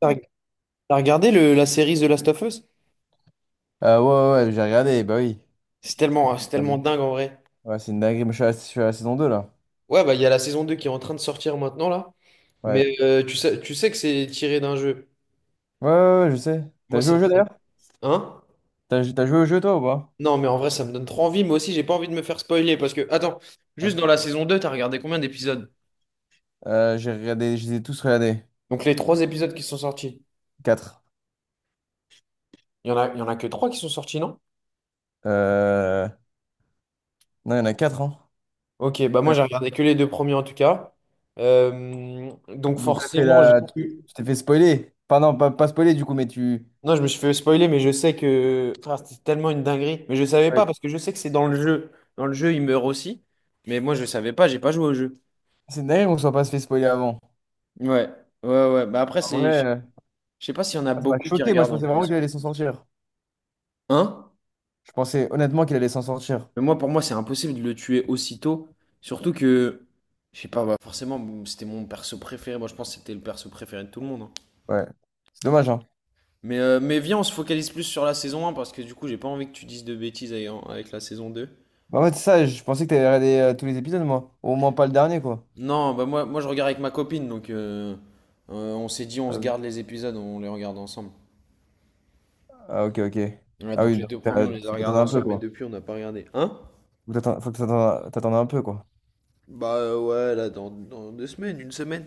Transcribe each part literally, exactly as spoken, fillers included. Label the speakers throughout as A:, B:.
A: T'as t'as regardé le- la série The Last of Us?
B: Euh ouais, ouais, ouais, j'ai regardé, bah oui.
A: C'est tellement, c'est
B: Ah
A: tellement
B: oui.
A: dingue en vrai.
B: Ouais, c'est une dinguerie, mais je suis à, je suis à la saison deux là.
A: Ouais, bah il y a la saison deux qui est en train de sortir maintenant là.
B: Ouais.
A: Mais euh, tu sais, tu sais que c'est tiré d'un jeu.
B: Ouais, ouais, ouais, je sais. T'as
A: Moi,
B: joué
A: ça
B: au
A: me
B: jeu
A: donne.
B: d'ailleurs?
A: Hein?
B: T'as, jou- t'as joué au jeu toi ou pas?
A: Non, mais en vrai, ça me donne trop envie. Moi aussi, j'ai pas envie de me faire spoiler parce que, attends,
B: Ah.
A: juste dans la saison deux, t'as regardé combien d'épisodes?
B: Euh, j'ai regardé, je les ai tous regardés.
A: Donc les trois épisodes qui sont sortis.
B: Quatre.
A: Il y en a, il y en a que trois qui sont sortis, non?
B: Euh... Non, il y en a quatre hein.
A: Ok, bah moi,
B: Ouais.
A: j'ai regardé que les deux premiers en tout cas. Euh, donc
B: Donc t'as fait
A: forcément,
B: la...
A: j'ai
B: tu t'es
A: vu.
B: tu t'es fait spoiler. Enfin non, pas, pas spoiler du coup, mais tu...
A: Non, je me suis fait spoiler, mais je sais que Frère, c'était tellement une dinguerie. Mais je savais pas
B: Ouais.
A: parce que je sais que c'est dans le jeu. Dans le jeu, il meurt aussi. Mais moi, je savais pas, j'ai pas joué au jeu.
B: C'est une dinguerie qu'on soit pas se fait spoiler avant.
A: Ouais, ouais, ouais. Bah après,
B: En
A: c'est,
B: vrai,
A: je
B: euh,
A: je sais pas s'il y en a
B: ça m'a
A: beaucoup qui
B: choqué, moi je
A: regardent en
B: pensais vraiment qu'il
A: France.
B: allait s'en sortir.
A: Hein?
B: Je pensais honnêtement qu'il allait s'en sortir.
A: Mais moi, pour moi, c'est impossible de le tuer aussitôt. Surtout que, je sais pas, bah forcément, bon, c'était mon perso préféré. Moi, je pense que c'était le perso préféré de tout le monde, hein.
B: Ouais. C'est dommage, hein.
A: Mais, euh, mais viens, on se focalise plus sur la saison un parce que du coup, j'ai pas envie que tu dises de bêtises avec avec la saison deux.
B: Bah, En fait, c'est ça, je pensais que t'avais regardé euh, tous les épisodes, moi. Au moins pas le dernier, quoi.
A: Non, bah moi, moi je regarde avec ma copine, donc euh, euh, on s'est dit on
B: Ah,
A: se
B: oui.
A: garde les épisodes, on les regarde ensemble.
B: Ah, ok, ok.
A: Ouais,
B: Ah
A: donc
B: oui,
A: les
B: donc
A: deux premiers
B: t'as-
A: on les a
B: faut
A: regardés
B: t'attendre un peu,
A: ensemble, mais
B: quoi.
A: depuis on n'a pas regardé. Hein?
B: Faut t'attendre- faut que t'attendre t'attendre un peu, quoi.
A: Bah euh, ouais, là dans, dans deux semaines, une semaine.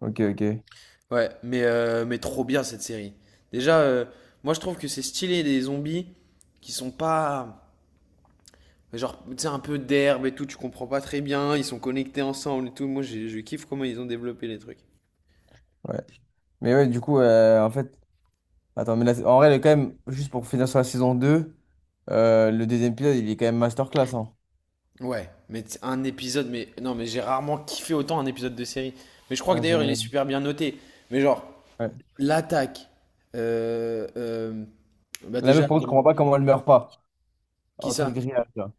B: Ok, ok.
A: Ouais, mais, euh, mais trop bien cette série. Déjà, euh, moi je trouve que c'est stylé des zombies qui sont pas. Genre, tu sais, un peu d'herbe et tout, tu comprends pas très bien, ils sont connectés ensemble et tout. Moi, j'ai- je kiffe comment ils ont développé les trucs.
B: Ouais. Mais ouais, du coup, euh, en fait. Attends, mais là, en vrai, elle est quand même. Juste pour finir sur la saison deux euh, le deuxième épisode, il est quand même masterclass, hein.
A: Ouais, mais t- un épisode, mais non, mais j'ai rarement kiffé autant un épisode de série. Mais je crois que
B: Ouais, c'est
A: d'ailleurs il est
B: dingue.
A: super bien noté. Mais genre,
B: Ouais.
A: l'attaque, euh, euh, bah
B: La meuf, par
A: déjà,
B: contre, je comprends
A: comment,
B: pas comment elle meurt pas.
A: qui
B: Entre le
A: ça?
B: grillage, là.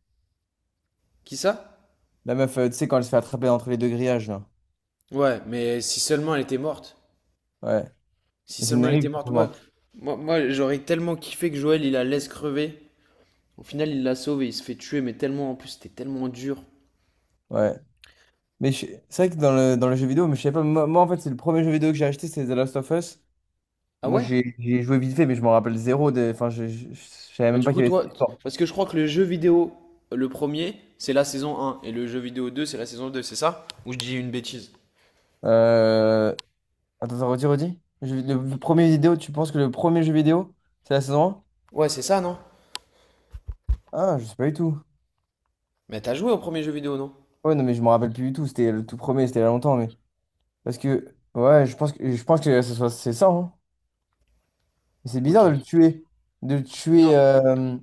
A: Qui ça?
B: La meuf, euh, tu sais, quand elle se fait attraper entre les deux grillages, là.
A: Ouais, mais si seulement elle était morte.
B: Ouais.
A: Si
B: Mais c'est une
A: seulement elle
B: dinguerie, elle est
A: était
B: pas
A: morte, moi,
B: morte.
A: moi, moi j'aurais tellement kiffé que Joël il la laisse crever. Au final, il la sauve et il se fait tuer, mais tellement en plus, c'était tellement dur.
B: Ouais. Mais je- c'est vrai que dans le, dans le jeu vidéo, mais je sais pas, moi, moi, en fait, c'est le premier jeu vidéo que j'ai acheté, c'est The Last of Us.
A: Ah
B: Moi,
A: ouais?
B: j'ai j'ai joué vite fait, mais je m'en rappelle zéro. des- Enfin, je, je, je savais
A: Bah
B: même
A: du
B: pas qu'il
A: coup
B: y avait cette
A: toi,
B: histoire.
A: parce que je crois que le jeu vidéo, le premier, c'est la saison un et le jeu vidéo deux c'est la saison deux, c'est ça? Ou je dis une bêtise?
B: Euh... Attends, attends, redis, redis. Je- Le, le premier vidéo, tu penses que le premier jeu vidéo, c'est la saison
A: Ouais, c'est ça, non?
B: un. Ah, je sais pas du tout.
A: Mais t'as joué au premier jeu vidéo, non?
B: Ouais, non, mais je me rappelle plus du tout. C'était le tout premier, c'était il y a longtemps, mais. Parce que, ouais, je pense que, je pense que ce soit- c'est ça, hein. Mais C'est
A: Ok.
B: bizarre de le tuer. De le tuer.
A: Non.
B: euh,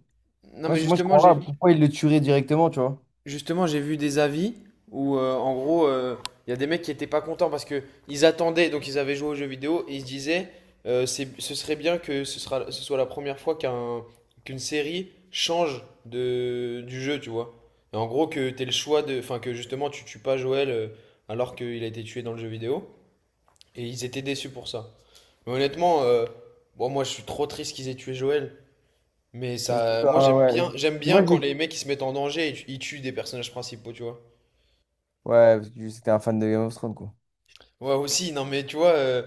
A: Non,
B: Ouais,
A: mais
B: moi, je
A: justement,
B: comprends pas
A: j'ai
B: pourquoi il le tuerait directement, tu vois.
A: Justement, j'ai vu des avis où, euh, en gros, euh, il y a des mecs qui étaient pas contents parce que ils attendaient, donc ils avaient joué aux jeux vidéo et ils se disaient, euh, c'est, ce serait bien que ce sera, ce soit la première fois qu'un, qu'une série change de, du jeu, tu vois. Et en gros, que t'aies le choix de, enfin, que justement tu tues pas Joël, euh, alors qu'il a été tué dans le jeu vidéo. Et ils étaient déçus pour ça. Mais honnêtement, euh, bon, moi je suis trop triste qu'ils aient tué Joël. Mais ça, moi
B: Ah
A: j'aime
B: ouais.
A: bien, j'aime
B: Mais
A: bien
B: Moi,
A: quand
B: j'ai.
A: les mecs ils se mettent en danger et tu- ils tuent des personnages principaux, tu vois.
B: Ouais, parce que c'était un fan de Game of Thrones, quoi.
A: Ouais, aussi, non, mais tu vois, euh,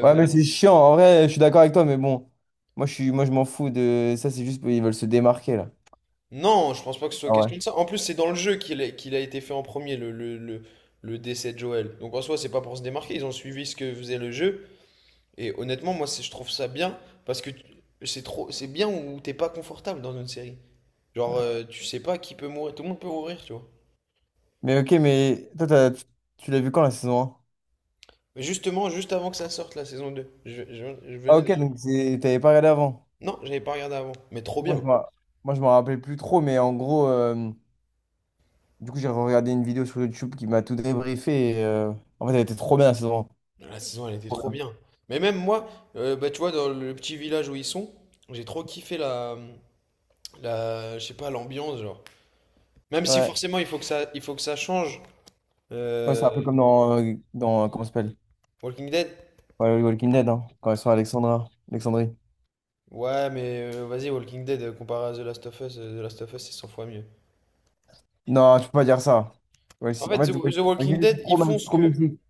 B: Ouais, mais c'est chiant. En vrai, je suis d'accord avec toi, mais bon. Moi, je suis. Moi, je m'en fous de. Ça, c'est juste. Ils veulent se démarquer, là.
A: non, je pense pas que ce soit
B: Ah ouais.
A: question de ça. En plus, c'est dans le jeu qu'il a, qu'il a été fait en premier, le, le, le, le décès de Joël. Donc en soi, c'est pas pour se démarquer, ils ont suivi ce que faisait le jeu. Et honnêtement, moi, c'est- je trouve ça bien, parce que tu- c'est trop, c'est bien où t'es pas confortable dans une série. Genre,
B: Ouais.
A: euh, tu sais pas qui peut mourir, tout le monde peut mourir, tu vois.
B: Mais ok, mais. Toi, t'as- tu tu l'as vu quand, la saison un.
A: Mais justement, juste avant que ça sorte, la saison deux, je, je- je
B: Ah
A: venais de
B: ok,
A: la.
B: donc c'est- t'avais pas regardé avant.
A: Non, j'avais pas regardé avant, mais trop
B: Moi, je
A: bien.
B: m'en. Moi, je m'en rappelais plus trop, mais en gros. euh, Du coup, j'ai regardé une vidéo sur YouTube qui m'a tout débriefé. Et, euh, en fait, elle était trop bien, la saison un.
A: La saison, elle était
B: Trop
A: trop
B: bien.
A: bien. Mais même moi, euh, bah, tu vois, dans le petit village où ils sont, j'ai trop kiffé la, la, je sais pas, l'ambiance, genre. Même si
B: Ouais.
A: forcément, il faut que ça, il faut que ça change.
B: Ouais, c'est
A: Euh,
B: un peu comme dans... euh, dans... euh, comment ça s'appelle?
A: Walking Dead?
B: Ouais, le Walking Dead, hein, quand ils sont à Alexandra, Alexandrie.
A: Ouais, mais euh, vas-y, Walking Dead, euh, comparé à The Last of Us, euh, The Last of Us, c'est cent fois mieux.
B: Non, je peux pas dire ça. Ouais,
A: En
B: si.
A: fait,
B: En
A: The,
B: fait, ouais,
A: The Walking
B: Walking Dead,
A: Dead,
B: c'est
A: ils
B: trop,
A: font
B: c'est
A: ce
B: trop
A: que.
B: mythique.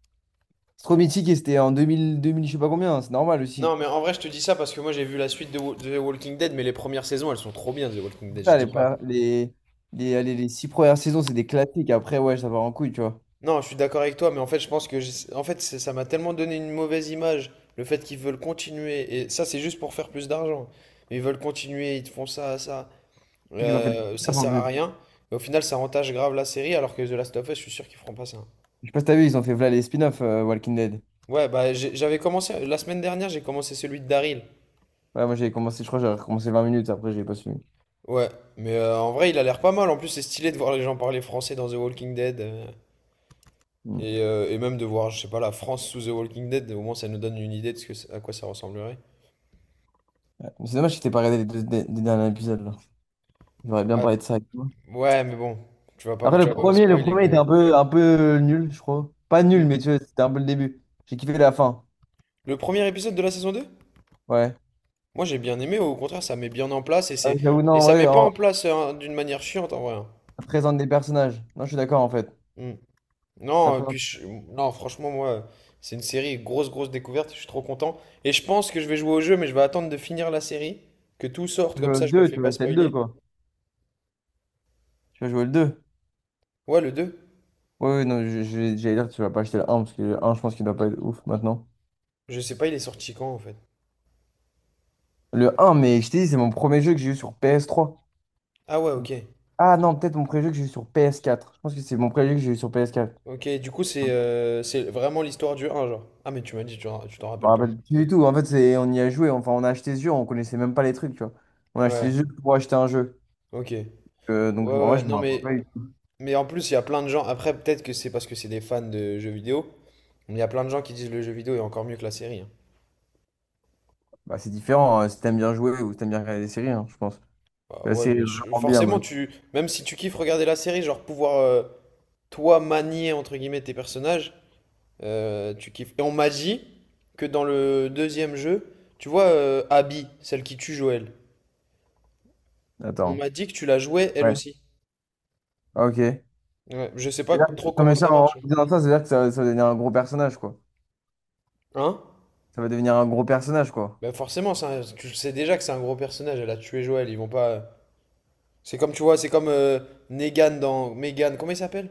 B: C'est trop mythique et c'était en deux mille, deux mille, je sais pas combien, hein, c'est normal
A: Non,
B: aussi.
A: mais en vrai, je te dis ça parce que moi, j'ai vu la suite de, Wa- de The Walking Dead, mais les premières saisons, elles sont trop bien, The Walking
B: C'est
A: Dead, je
B: Ça, les,
A: dis pas.
B: premières- les, les, allez, les six premières saisons, c'est des classiques. Après, ouais, ça part en couille, tu vois.
A: Non, je suis d'accord avec toi, mais en fait, je pense que j'ai- en fait, c'est- ça m'a tellement donné une mauvaise image, le fait qu'ils veulent continuer, et ça, c'est juste pour faire plus d'argent. Mais ils veulent continuer, ils te font ça, ça,
B: C'est qu'ils ont fait des
A: euh, ça
B: spin-offs en
A: sert à
B: plus.
A: rien. Mais au final, ça entache grave la série, alors que The Last of Us, je suis sûr qu'ils feront pas ça.
B: Je sais pas si t'as vu, ils ont fait voilà les spin-offs euh, Walking Dead.
A: Ouais, bah, j'ai- j'avais commencé, la semaine dernière, j'ai commencé celui de Daryl.
B: Ouais, moi j'avais commencé, je crois, j'avais recommencé vingt minutes, après j'ai pas suivi.
A: Ouais, mais euh, en vrai, il a l'air pas mal. En plus, c'est stylé de voir les gens parler français dans The Walking Dead, euh,
B: Mm.
A: et, euh, et même de voir, je sais pas, la France sous The Walking Dead, au moins, ça nous donne une idée de ce que, c'est- à quoi ça ressemblerait.
B: Mais C'est dommage que t'aies pas regardé les deux des- des derniers épisodes, là. J'aurais bien parlé de ça. avec toi.
A: Ouais, mais bon, tu vas pas, me-
B: Après,
A: tu
B: le
A: vas pas me
B: premier, le
A: spoiler
B: premier
A: quand
B: était
A: même.
B: un peu, un peu nul, je crois. Pas nul,
A: Mm.
B: mais tu vois, c'était un peu le début. J'ai kiffé la fin.
A: Le premier épisode de la saison deux.
B: Ouais.
A: Moi j'ai bien aimé, au contraire, ça met bien en place et
B: Ah,
A: c'est
B: J'avoue, non,
A: et
B: en
A: ça met
B: vrai,
A: pas en
B: en
A: place, hein, d'une manière chiante en vrai, hein.
B: ça présente des personnages. Non, je suis d'accord, en fait.
A: Mm.
B: Ça
A: Non, et puis
B: présente.
A: je- non, franchement moi, c'est une série grosse grosse découverte, je suis trop content et je pense que je vais jouer au jeu mais je vais attendre de finir la série, que tout sorte
B: Je
A: comme
B: veux le
A: ça je me
B: deux,
A: fais
B: tu vas
A: pas
B: acheter le deux
A: spoiler.
B: quoi. Tu vas jouer le deux.
A: Ouais, le deux.
B: Oui ouais, non, je- je- j'allais dire, tu vas pas acheter le un parce que le un je pense qu'il doit pas être ouf maintenant.
A: Je sais pas, il est sorti quand en fait.
B: Le un mais je t'ai dit, c'est mon premier jeu que j'ai eu sur P S trois.
A: Ah ouais, OK.
B: Ah non, peut-être mon premier jeu que j'ai eu sur P S quatre. Je pense que c'est mon premier jeu que j'ai eu sur P S quatre.
A: OK, du coup c'est euh, c'est vraiment l'histoire du un genre. Ah mais tu m'as dit tu, tu t'en
B: Je me
A: rappelles plus.
B: rappelle plus du tout. En fait, c'est, on y a joué. Enfin, on a acheté ce jeu, on connaissait même pas les trucs, tu vois. On a acheté ce
A: Ouais.
B: jeu pour acheter un jeu.
A: Ok. Ouais,
B: Euh, donc, en vrai,
A: ouais,
B: je me
A: non,
B: rappelle
A: mais,
B: pas du tout.
A: mais en plus, il y a plein de gens. Après, peut-être que c'est parce que c'est des fans de jeux vidéo, mais il y a plein de gens qui disent le jeu vidéo est encore mieux que la série, hein.
B: Bah, c'est différent hein, si t'aimes bien jouer ou si t'aimes bien regarder des séries, hein, je pense.
A: Bah
B: La
A: ouais,
B: série est
A: mais je-
B: vraiment bien,
A: forcément,
B: mec.
A: tu, même si tu kiffes regarder la série, genre pouvoir, euh, toi, manier, entre guillemets, tes personnages, euh, tu kiffes. Et on m'a dit que dans le deuxième jeu, tu vois, euh, Abby, celle qui tue Joël, on
B: Attends.
A: m'a dit que tu la jouais elle
B: Ouais.
A: aussi.
B: Ah, ok. C'est-à-dire
A: Ouais, je sais pas
B: que-
A: trop
B: non,
A: comment
B: mais ça,
A: ça
B: en
A: marche. Hein?
B: disant ça, c'est-à-dire que ça, ça va devenir un gros personnage, quoi.
A: Hein?
B: Ça va devenir un gros personnage, quoi.
A: Bah forcément, ça, tu le sais déjà que c'est un gros personnage, elle a tué Joël, ils vont pas. C'est comme, tu vois, c'est comme euh, Negan dans. Megan, comment il s'appelle?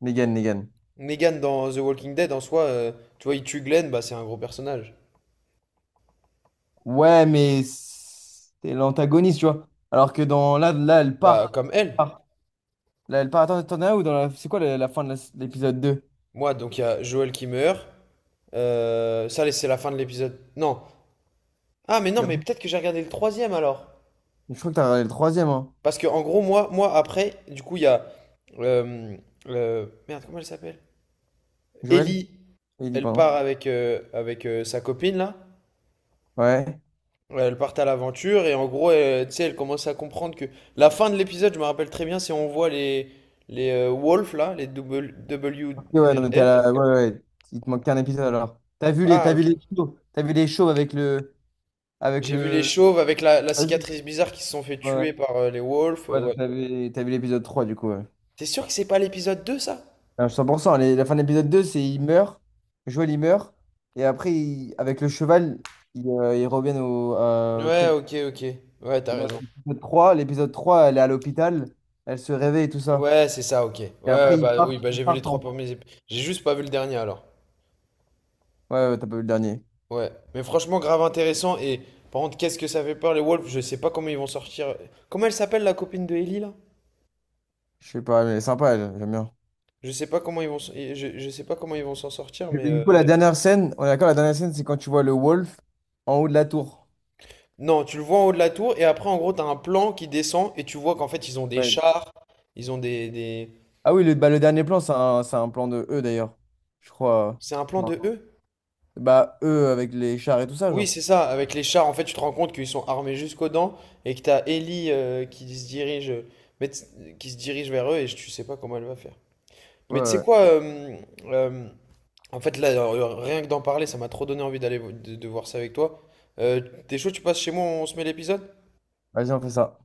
B: Negan, Negan.
A: Negan dans The Walking Dead, en soi, euh, tu vois, il tue Glenn, bah c'est un gros personnage.
B: Ouais, mais c'est l'antagoniste, tu vois. Alors que dans là, là, elle
A: Bah,
B: part.
A: comme elle.
B: Part. Là, elle part. Attends, t'en as un où dans la. C'est quoi la, la fin de la- l'épisode deux.
A: Moi, donc il y a Joel qui meurt. Euh, ça, c'est la fin de l'épisode. Non. Ah, mais non, mais peut-être que j'ai regardé le troisième alors.
B: Je crois que t'as regardé le troisième, hein.
A: Parce que, en gros, moi, moi après, du coup, il y a. euh, euh, Merde, comment elle s'appelle?
B: Joël?
A: Ellie,
B: Il dit,
A: elle
B: pardon.
A: part avec, euh, avec euh, sa copine là.
B: Ouais.
A: Ouais, elles partent à l'aventure et en gros, elles, tu sais, elles commencent à comprendre que la fin de l'épisode, je me rappelle très bien, c'est on voit les les euh, wolves là, les double-
B: Ok, ouais, non, mais t'es à
A: W L F.
B: la, ouais, ouais. Ouais. Il te manque qu'un épisode alors. T'as vu les,
A: Ah
B: t'as vu
A: ok.
B: les shows. T'as vu les shows avec le. Avec
A: J'ai vu les
B: le.
A: chauves avec la, la
B: Ouais,
A: cicatrice bizarre qui se sont fait tuer
B: ouais,
A: par euh, les wolves. Euh,
B: Ouais, donc
A: ouais.
B: t'as vu, t'as vu l'épisode trois du coup. Ouais.
A: T'es sûr que c'est pas l'épisode deux ça?
B: Ah, cent pour cent. les- La fin de l'épisode deux c'est il meurt. Joël, il meurt. Et après, il- avec le cheval, ils euh, ils reviennent au, euh, au
A: Ouais,
B: truc.
A: ok, ok. Ouais, t'as
B: Et dans
A: raison.
B: l'épisode trois l'épisode trois elle est à l'hôpital. Elle se réveille et tout ça.
A: Ouais, c'est ça, ok.
B: Et
A: Ouais,
B: après, ils
A: bah
B: partent,
A: oui, bah
B: ils
A: j'ai vu les
B: partent
A: trois
B: en.
A: premiers épisodes. J'ai juste pas vu le dernier alors.
B: Ouais, ouais, t'as pas vu le dernier.
A: Ouais. Mais franchement, grave intéressant. Et par contre, qu'est-ce que ça fait peur les wolves? Je sais pas comment ils vont sortir. Comment elle s'appelle la copine de Ellie là?
B: Je sais pas, mais elle est sympa, elle, j'aime bien.
A: Je sais pas comment ils vont, s- et je, je sais pas comment ils vont s'en sortir,
B: Et
A: mais
B: Du
A: euh,
B: coup, la dernière scène, on est d'accord, la dernière scène, c'est quand tu vois le Wolf en haut de la tour.
A: non, tu le vois en haut de la tour et après en gros t'as un plan qui descend et tu vois qu'en fait ils ont des
B: Ouais.
A: chars, ils ont des, des-
B: Ah oui, le, bah, le dernier plan, c'est un, c'est un plan de eux d'ailleurs. Je crois.
A: c'est un plan
B: Ouais.
A: de eux?
B: Bah, eux avec les chars et tout ça,
A: Oui,
B: genre.
A: c'est ça. Avec les chars, en fait, tu te rends compte qu'ils sont armés jusqu'aux dents et que t'as Ellie, euh, qui se dirige, mais t- qui se dirige vers eux et je- tu sais pas comment elle va faire.
B: Ouais,
A: Mais tu sais
B: ouais.
A: quoi, euh, euh, en fait, là, euh, rien que d'en parler, ça m'a trop donné envie d'aller vo- de, de voir ça avec toi. Euh, T'es chaud, tu passes chez moi, on se met l'épisode?
B: Vas-y, on fait ça.